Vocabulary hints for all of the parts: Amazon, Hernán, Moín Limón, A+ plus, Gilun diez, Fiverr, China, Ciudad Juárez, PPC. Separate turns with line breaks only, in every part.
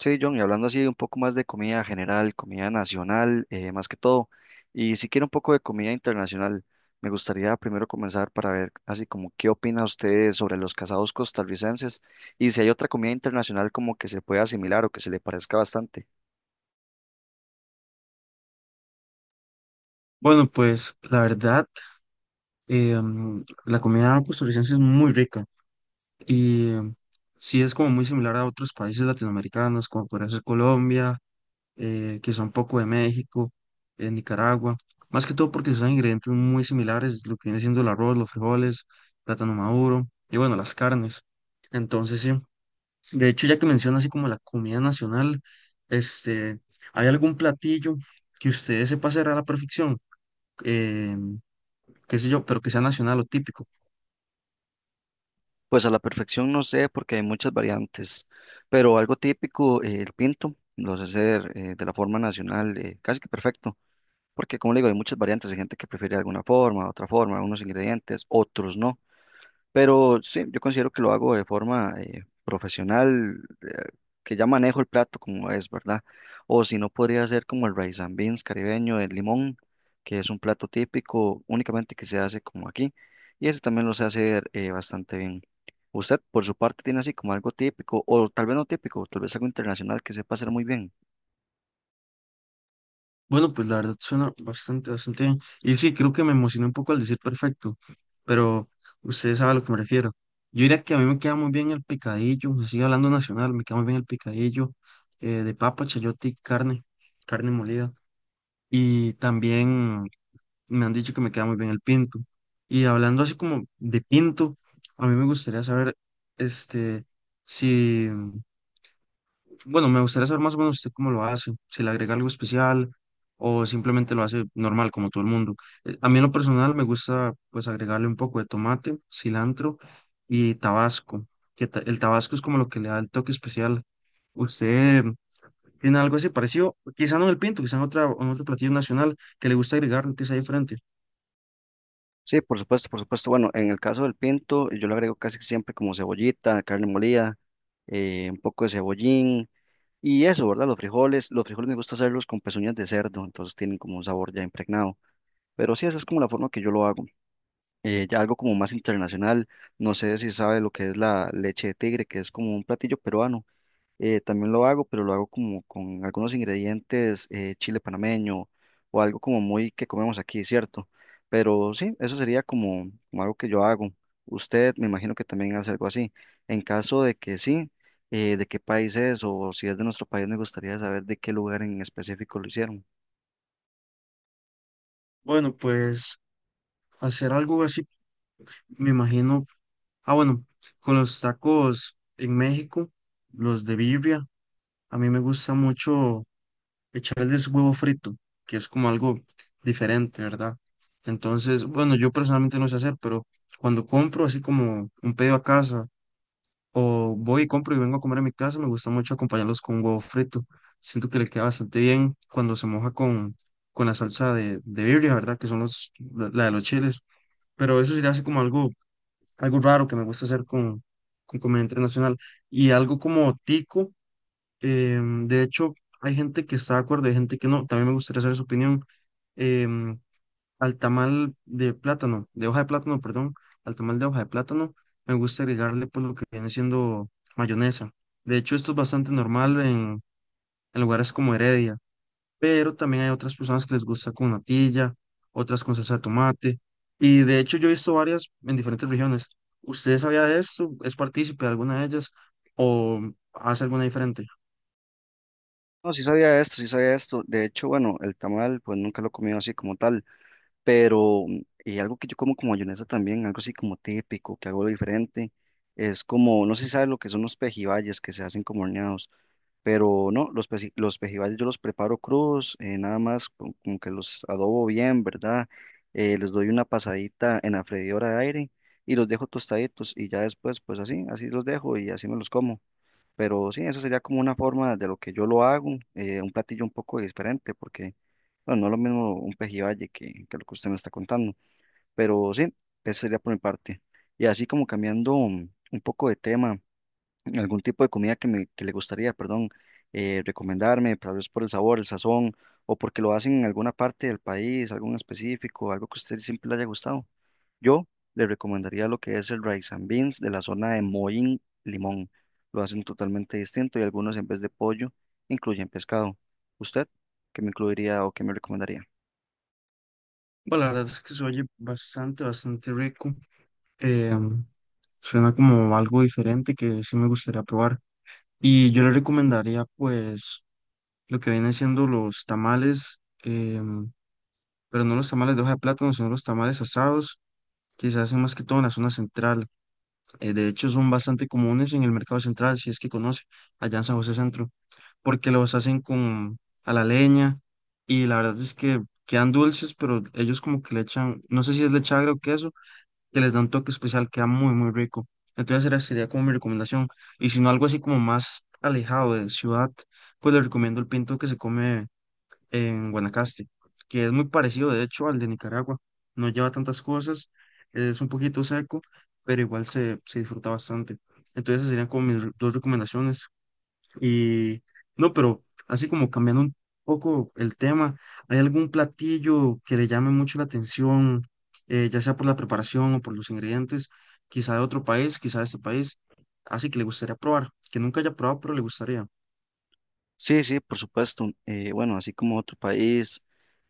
Sí, John, y hablando así un poco más de comida general, comida nacional, más que todo, y si quiere un poco de comida internacional, me gustaría primero comenzar para ver así como qué opina usted sobre los casados costarricenses y si hay otra comida internacional como que se pueda asimilar o que se le parezca bastante.
Bueno, pues la verdad, la comida costarricense es muy rica y sí es como muy similar a otros países latinoamericanos, como podría ser Colombia, quizá un poco de México, Nicaragua, más que todo porque usan ingredientes muy similares, lo que viene siendo el arroz, los frijoles, plátano maduro y bueno, las carnes. Entonces, sí, de hecho, ya que menciona así como la comida nacional, este, ¿hay algún platillo que ustedes se pasará a la perfección? Em, qué sé yo, pero que sea nacional o típico.
Pues a la perfección no sé porque hay muchas variantes, pero algo típico, el pinto, lo sé hacer de la forma nacional, casi que perfecto, porque como le digo, hay muchas variantes, hay gente que prefiere alguna forma, otra forma, unos ingredientes, otros no. Pero sí, yo considero que lo hago de forma profesional, que ya manejo el plato como es, ¿verdad? O si no, podría ser como el rice and beans caribeño, el limón, que es un plato típico únicamente que se hace como aquí. Y ese también lo sé hacer bastante bien. ¿Usted, por su parte, tiene así como algo típico, o tal vez no típico, tal vez algo internacional que sepa hacer muy bien?
Bueno, pues la verdad suena bastante, bastante bien. Y sí, creo que me emocioné un poco al decir perfecto, pero ustedes saben a lo que me refiero. Yo diría que a mí me queda muy bien el picadillo, así hablando nacional, me queda muy bien el picadillo de papa, chayote y carne, carne molida. Y también me han dicho que me queda muy bien el pinto. Y hablando así como de pinto, a mí me gustaría saber, este, si... Bueno, me gustaría saber más o menos usted cómo lo hace, si le agrega algo especial o simplemente lo hace normal como todo el mundo. A mí en lo personal me gusta pues agregarle un poco de tomate, cilantro y tabasco, el tabasco es como lo que le da el toque especial. ¿Usted tiene algo así parecido? Quizá no en el pinto, quizá en otra, en otro platillo nacional que le gusta agregar, que sea diferente.
Sí, por supuesto, por supuesto. Bueno, en el caso del pinto, yo le agrego casi siempre como cebollita, carne molida, un poco de cebollín y eso, ¿verdad? Los frijoles me gusta hacerlos con pezuñas de cerdo, entonces tienen como un sabor ya impregnado. Pero sí, esa es como la forma que yo lo hago. Ya algo como más internacional, no sé si sabe lo que es la leche de tigre, que es como un platillo peruano. También lo hago, pero lo hago como con algunos ingredientes, chile panameño o algo como muy que comemos aquí, ¿cierto? Pero sí, eso sería como, como algo que yo hago. Usted me imagino que también hace algo así. En caso de que sí, ¿de qué país es? O si es de nuestro país, me gustaría saber de qué lugar en específico lo hicieron.
Bueno, pues hacer algo así, me imagino. Ah, bueno, con los tacos en México, los de birria. A mí me gusta mucho echarles huevo frito, que es como algo diferente, ¿verdad? Entonces, bueno, yo personalmente no sé hacer, pero cuando compro así como un pedido a casa o voy y compro y vengo a comer a mi casa, me gusta mucho acompañarlos con huevo frito. Siento que le queda bastante bien cuando se moja con la salsa de birria, ¿verdad? Que son los, la de los chiles. Pero eso sería así como algo, algo raro que me gusta hacer con comida internacional. Y algo como tico. De hecho, hay gente que está de acuerdo, hay gente que no. También me gustaría saber su opinión. Em, al tamal de plátano, de hoja de plátano, perdón, al tamal de hoja de plátano, me gusta agregarle pues lo que viene siendo mayonesa. De hecho, esto es bastante normal en lugares como Heredia, pero también hay otras personas que les gusta con natilla, otras con salsa de tomate. Y de hecho, yo he visto varias en diferentes regiones. ¿Usted sabía de esto? ¿Es partícipe de alguna de ellas o hace alguna diferente?
No, sí sabía esto, sí sabía esto. De hecho, bueno, el tamal, pues nunca lo he comido así como tal. Pero algo que yo como como mayonesa también, algo así como típico, que hago diferente, es como, no sé si sabes lo que son los pejibayes que se hacen como horneados, pero no, los, los pejibayes yo los preparo crudos, nada más como que los adobo bien, ¿verdad? Les doy una pasadita en la freidora de aire y los dejo tostaditos y ya después, pues así, así los dejo y así me los como. Pero sí, eso sería como una forma de lo que yo lo hago, un platillo un poco diferente, porque bueno, no es lo mismo un pejibaye que lo que usted me está contando, pero sí, eso sería por mi parte. Y así como cambiando un poco de tema, algún tipo de comida que le gustaría, perdón, recomendarme, tal vez por el sabor, el sazón, o porque lo hacen en alguna parte del país, algo en específico, algo que a usted siempre le haya gustado. Yo le recomendaría lo que es el rice and beans de la zona de Moín Limón. Lo hacen totalmente distinto y algunos en vez de pollo incluyen pescado. ¿Usted qué me incluiría o qué me recomendaría?
Bueno, la verdad es que se oye bastante, bastante rico. Eh, suena como algo diferente que sí me gustaría probar. Y yo le recomendaría, pues, lo que vienen siendo los tamales, pero no los tamales de hoja de plátano, sino los tamales asados, que se hacen más que todo en la zona central. De hecho, son bastante comunes en el mercado central, si es que conoce, allá en San José Centro, porque los hacen con a la leña y la verdad es que quedan dulces, pero ellos como que le echan, no sé si es leche agria o queso que les da un toque especial, queda muy, muy rico. Entonces esa sería como mi recomendación. Y si no algo así como más alejado de ciudad, pues les recomiendo el pinto que se come en Guanacaste, que es muy parecido de hecho al de Nicaragua. No lleva tantas cosas, es un poquito seco, pero igual se, se disfruta bastante. Entonces esas serían como mis dos recomendaciones. Y no, pero así como cambiando un poco el tema, ¿hay algún platillo que le llame mucho la atención, ya sea por la preparación o por los ingredientes, quizá de otro país, quizá de este país, así que le gustaría probar, que nunca haya probado, pero le gustaría?
Sí, sí, por supuesto. Bueno, así como otro país,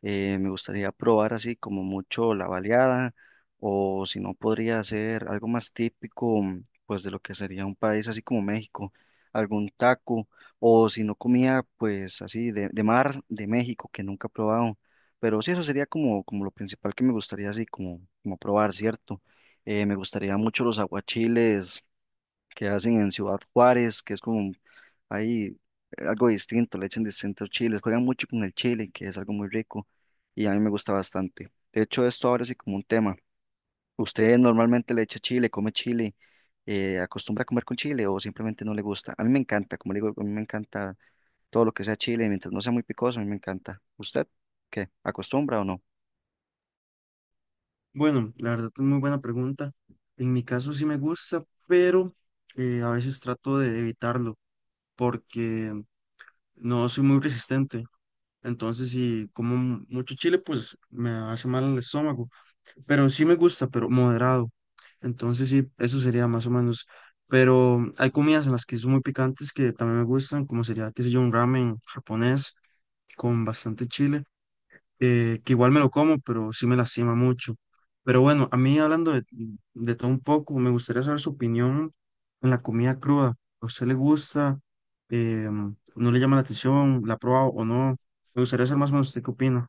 me gustaría probar así como mucho la baleada o si no podría ser algo más típico, mm, pues de lo que sería un país así como México, algún taco o si no comía pues así de mar de México que nunca he probado. Pero sí, eso sería como, como lo principal que me gustaría así como, como probar, ¿cierto? Me gustaría mucho los aguachiles que hacen en Ciudad Juárez, que es como hay algo distinto, le echan distintos chiles, juegan mucho con el chile, que es algo muy rico y a mí me gusta bastante. De hecho, esto ahora sí como un tema. ¿Usted normalmente le echa chile, come chile, acostumbra a comer con chile o simplemente no le gusta? A mí me encanta, como le digo, a mí me encanta todo lo que sea chile, mientras no sea muy picoso, a mí me encanta. ¿Usted qué? ¿Acostumbra o no?
Bueno, la verdad es muy buena pregunta. En mi caso sí me gusta, pero a veces trato de evitarlo porque no soy muy resistente. Entonces, si como mucho chile, pues me hace mal el estómago. Pero sí me gusta, pero moderado. Entonces sí, eso sería más o menos. Pero hay comidas en las que son muy picantes que también me gustan, como sería, qué sé yo, un ramen japonés con bastante chile, que igual me lo como, pero sí me lastima mucho. Pero bueno, a mí hablando de todo un poco, me gustaría saber su opinión en la comida cruda. ¿A usted le gusta? ¿No le llama la atención? ¿La ha probado o no? Me gustaría saber más o menos usted qué opina.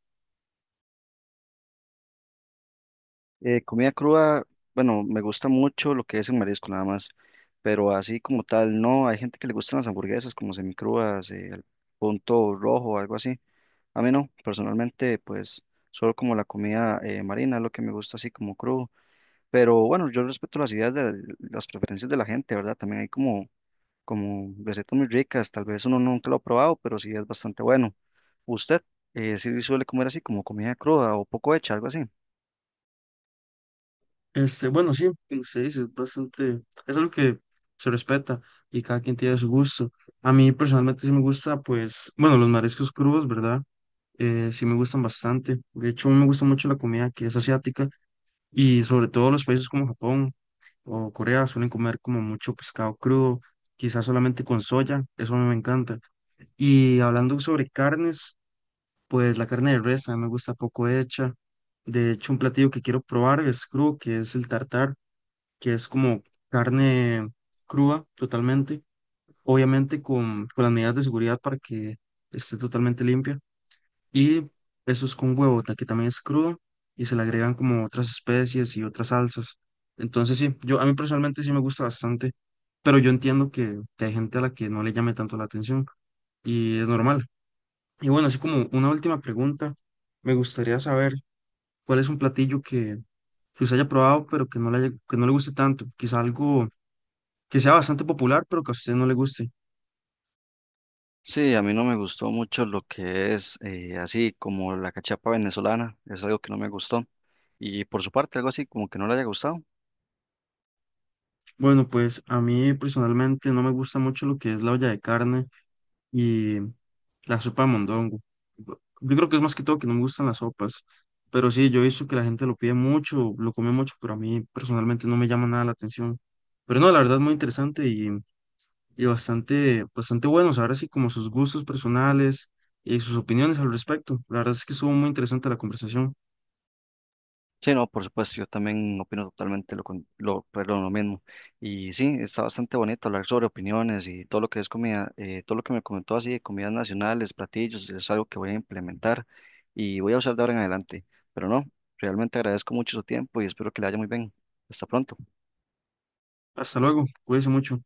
Comida cruda, bueno, me gusta mucho lo que es en marisco nada más, pero así como tal, no, hay gente que le gustan las hamburguesas como semicrudas, al punto rojo, algo así. A mí no, personalmente, pues solo como la comida marina, lo que me gusta así como crudo. Pero bueno, yo respeto las ideas de las preferencias de la gente, ¿verdad? También hay como, como recetas muy ricas, tal vez uno nunca lo ha probado, pero sí es bastante bueno. ¿Usted sí suele comer así como comida cruda o poco hecha, algo así?
Bueno, sí, como usted dice, es bastante, es algo que se respeta y cada quien tiene su gusto. A mí personalmente sí me gusta, pues, bueno, los mariscos crudos, ¿verdad? Sí me gustan bastante. De hecho, a mí me gusta mucho la comida que es asiática y sobre todo los países como Japón o Corea suelen comer como mucho pescado crudo, quizás solamente con soya, eso a mí me encanta. Y hablando sobre carnes, pues la carne de res a mí me gusta poco hecha. De hecho, un platillo que quiero probar es crudo, que es el tartar que es como carne cruda totalmente, obviamente con las medidas de seguridad para que esté totalmente limpia. Y eso es con huevo, que también es crudo y se le agregan como otras especies y otras salsas. Entonces sí, yo a mí personalmente sí me gusta bastante, pero yo entiendo que hay gente a la que no le llame tanto la atención y es normal. Y bueno, así como una última pregunta, me gustaría saber cuál es un platillo que usted haya probado, pero que que no le guste tanto, quizá algo que sea bastante popular, pero que a usted no le guste.
Sí, a mí no me gustó mucho lo que es así como la cachapa venezolana, es algo que no me gustó. Y por su parte, algo así como que no le haya gustado.
Bueno, pues a mí personalmente no me gusta mucho lo que es la olla de carne y la sopa de mondongo. Yo creo que es más que todo que no me gustan las sopas, pero sí, yo he visto que la gente lo pide mucho, lo come mucho, pero a mí personalmente no me llama nada la atención. Pero no, la verdad es muy interesante y bastante, bastante bueno, saber así como sus gustos personales y sus opiniones al respecto. La verdad es que estuvo muy interesante la conversación.
Sí, no, por supuesto, yo también opino totalmente lo, con- lo, perdón, lo mismo. Y sí, está bastante bonito hablar sobre opiniones y todo lo que es comida, todo lo que me comentó así de comidas nacionales, platillos, es algo que voy a implementar y voy a usar de ahora en adelante. Pero no, realmente agradezco mucho su tiempo y espero que le haya muy bien. Hasta pronto.
Hasta luego, cuídense mucho.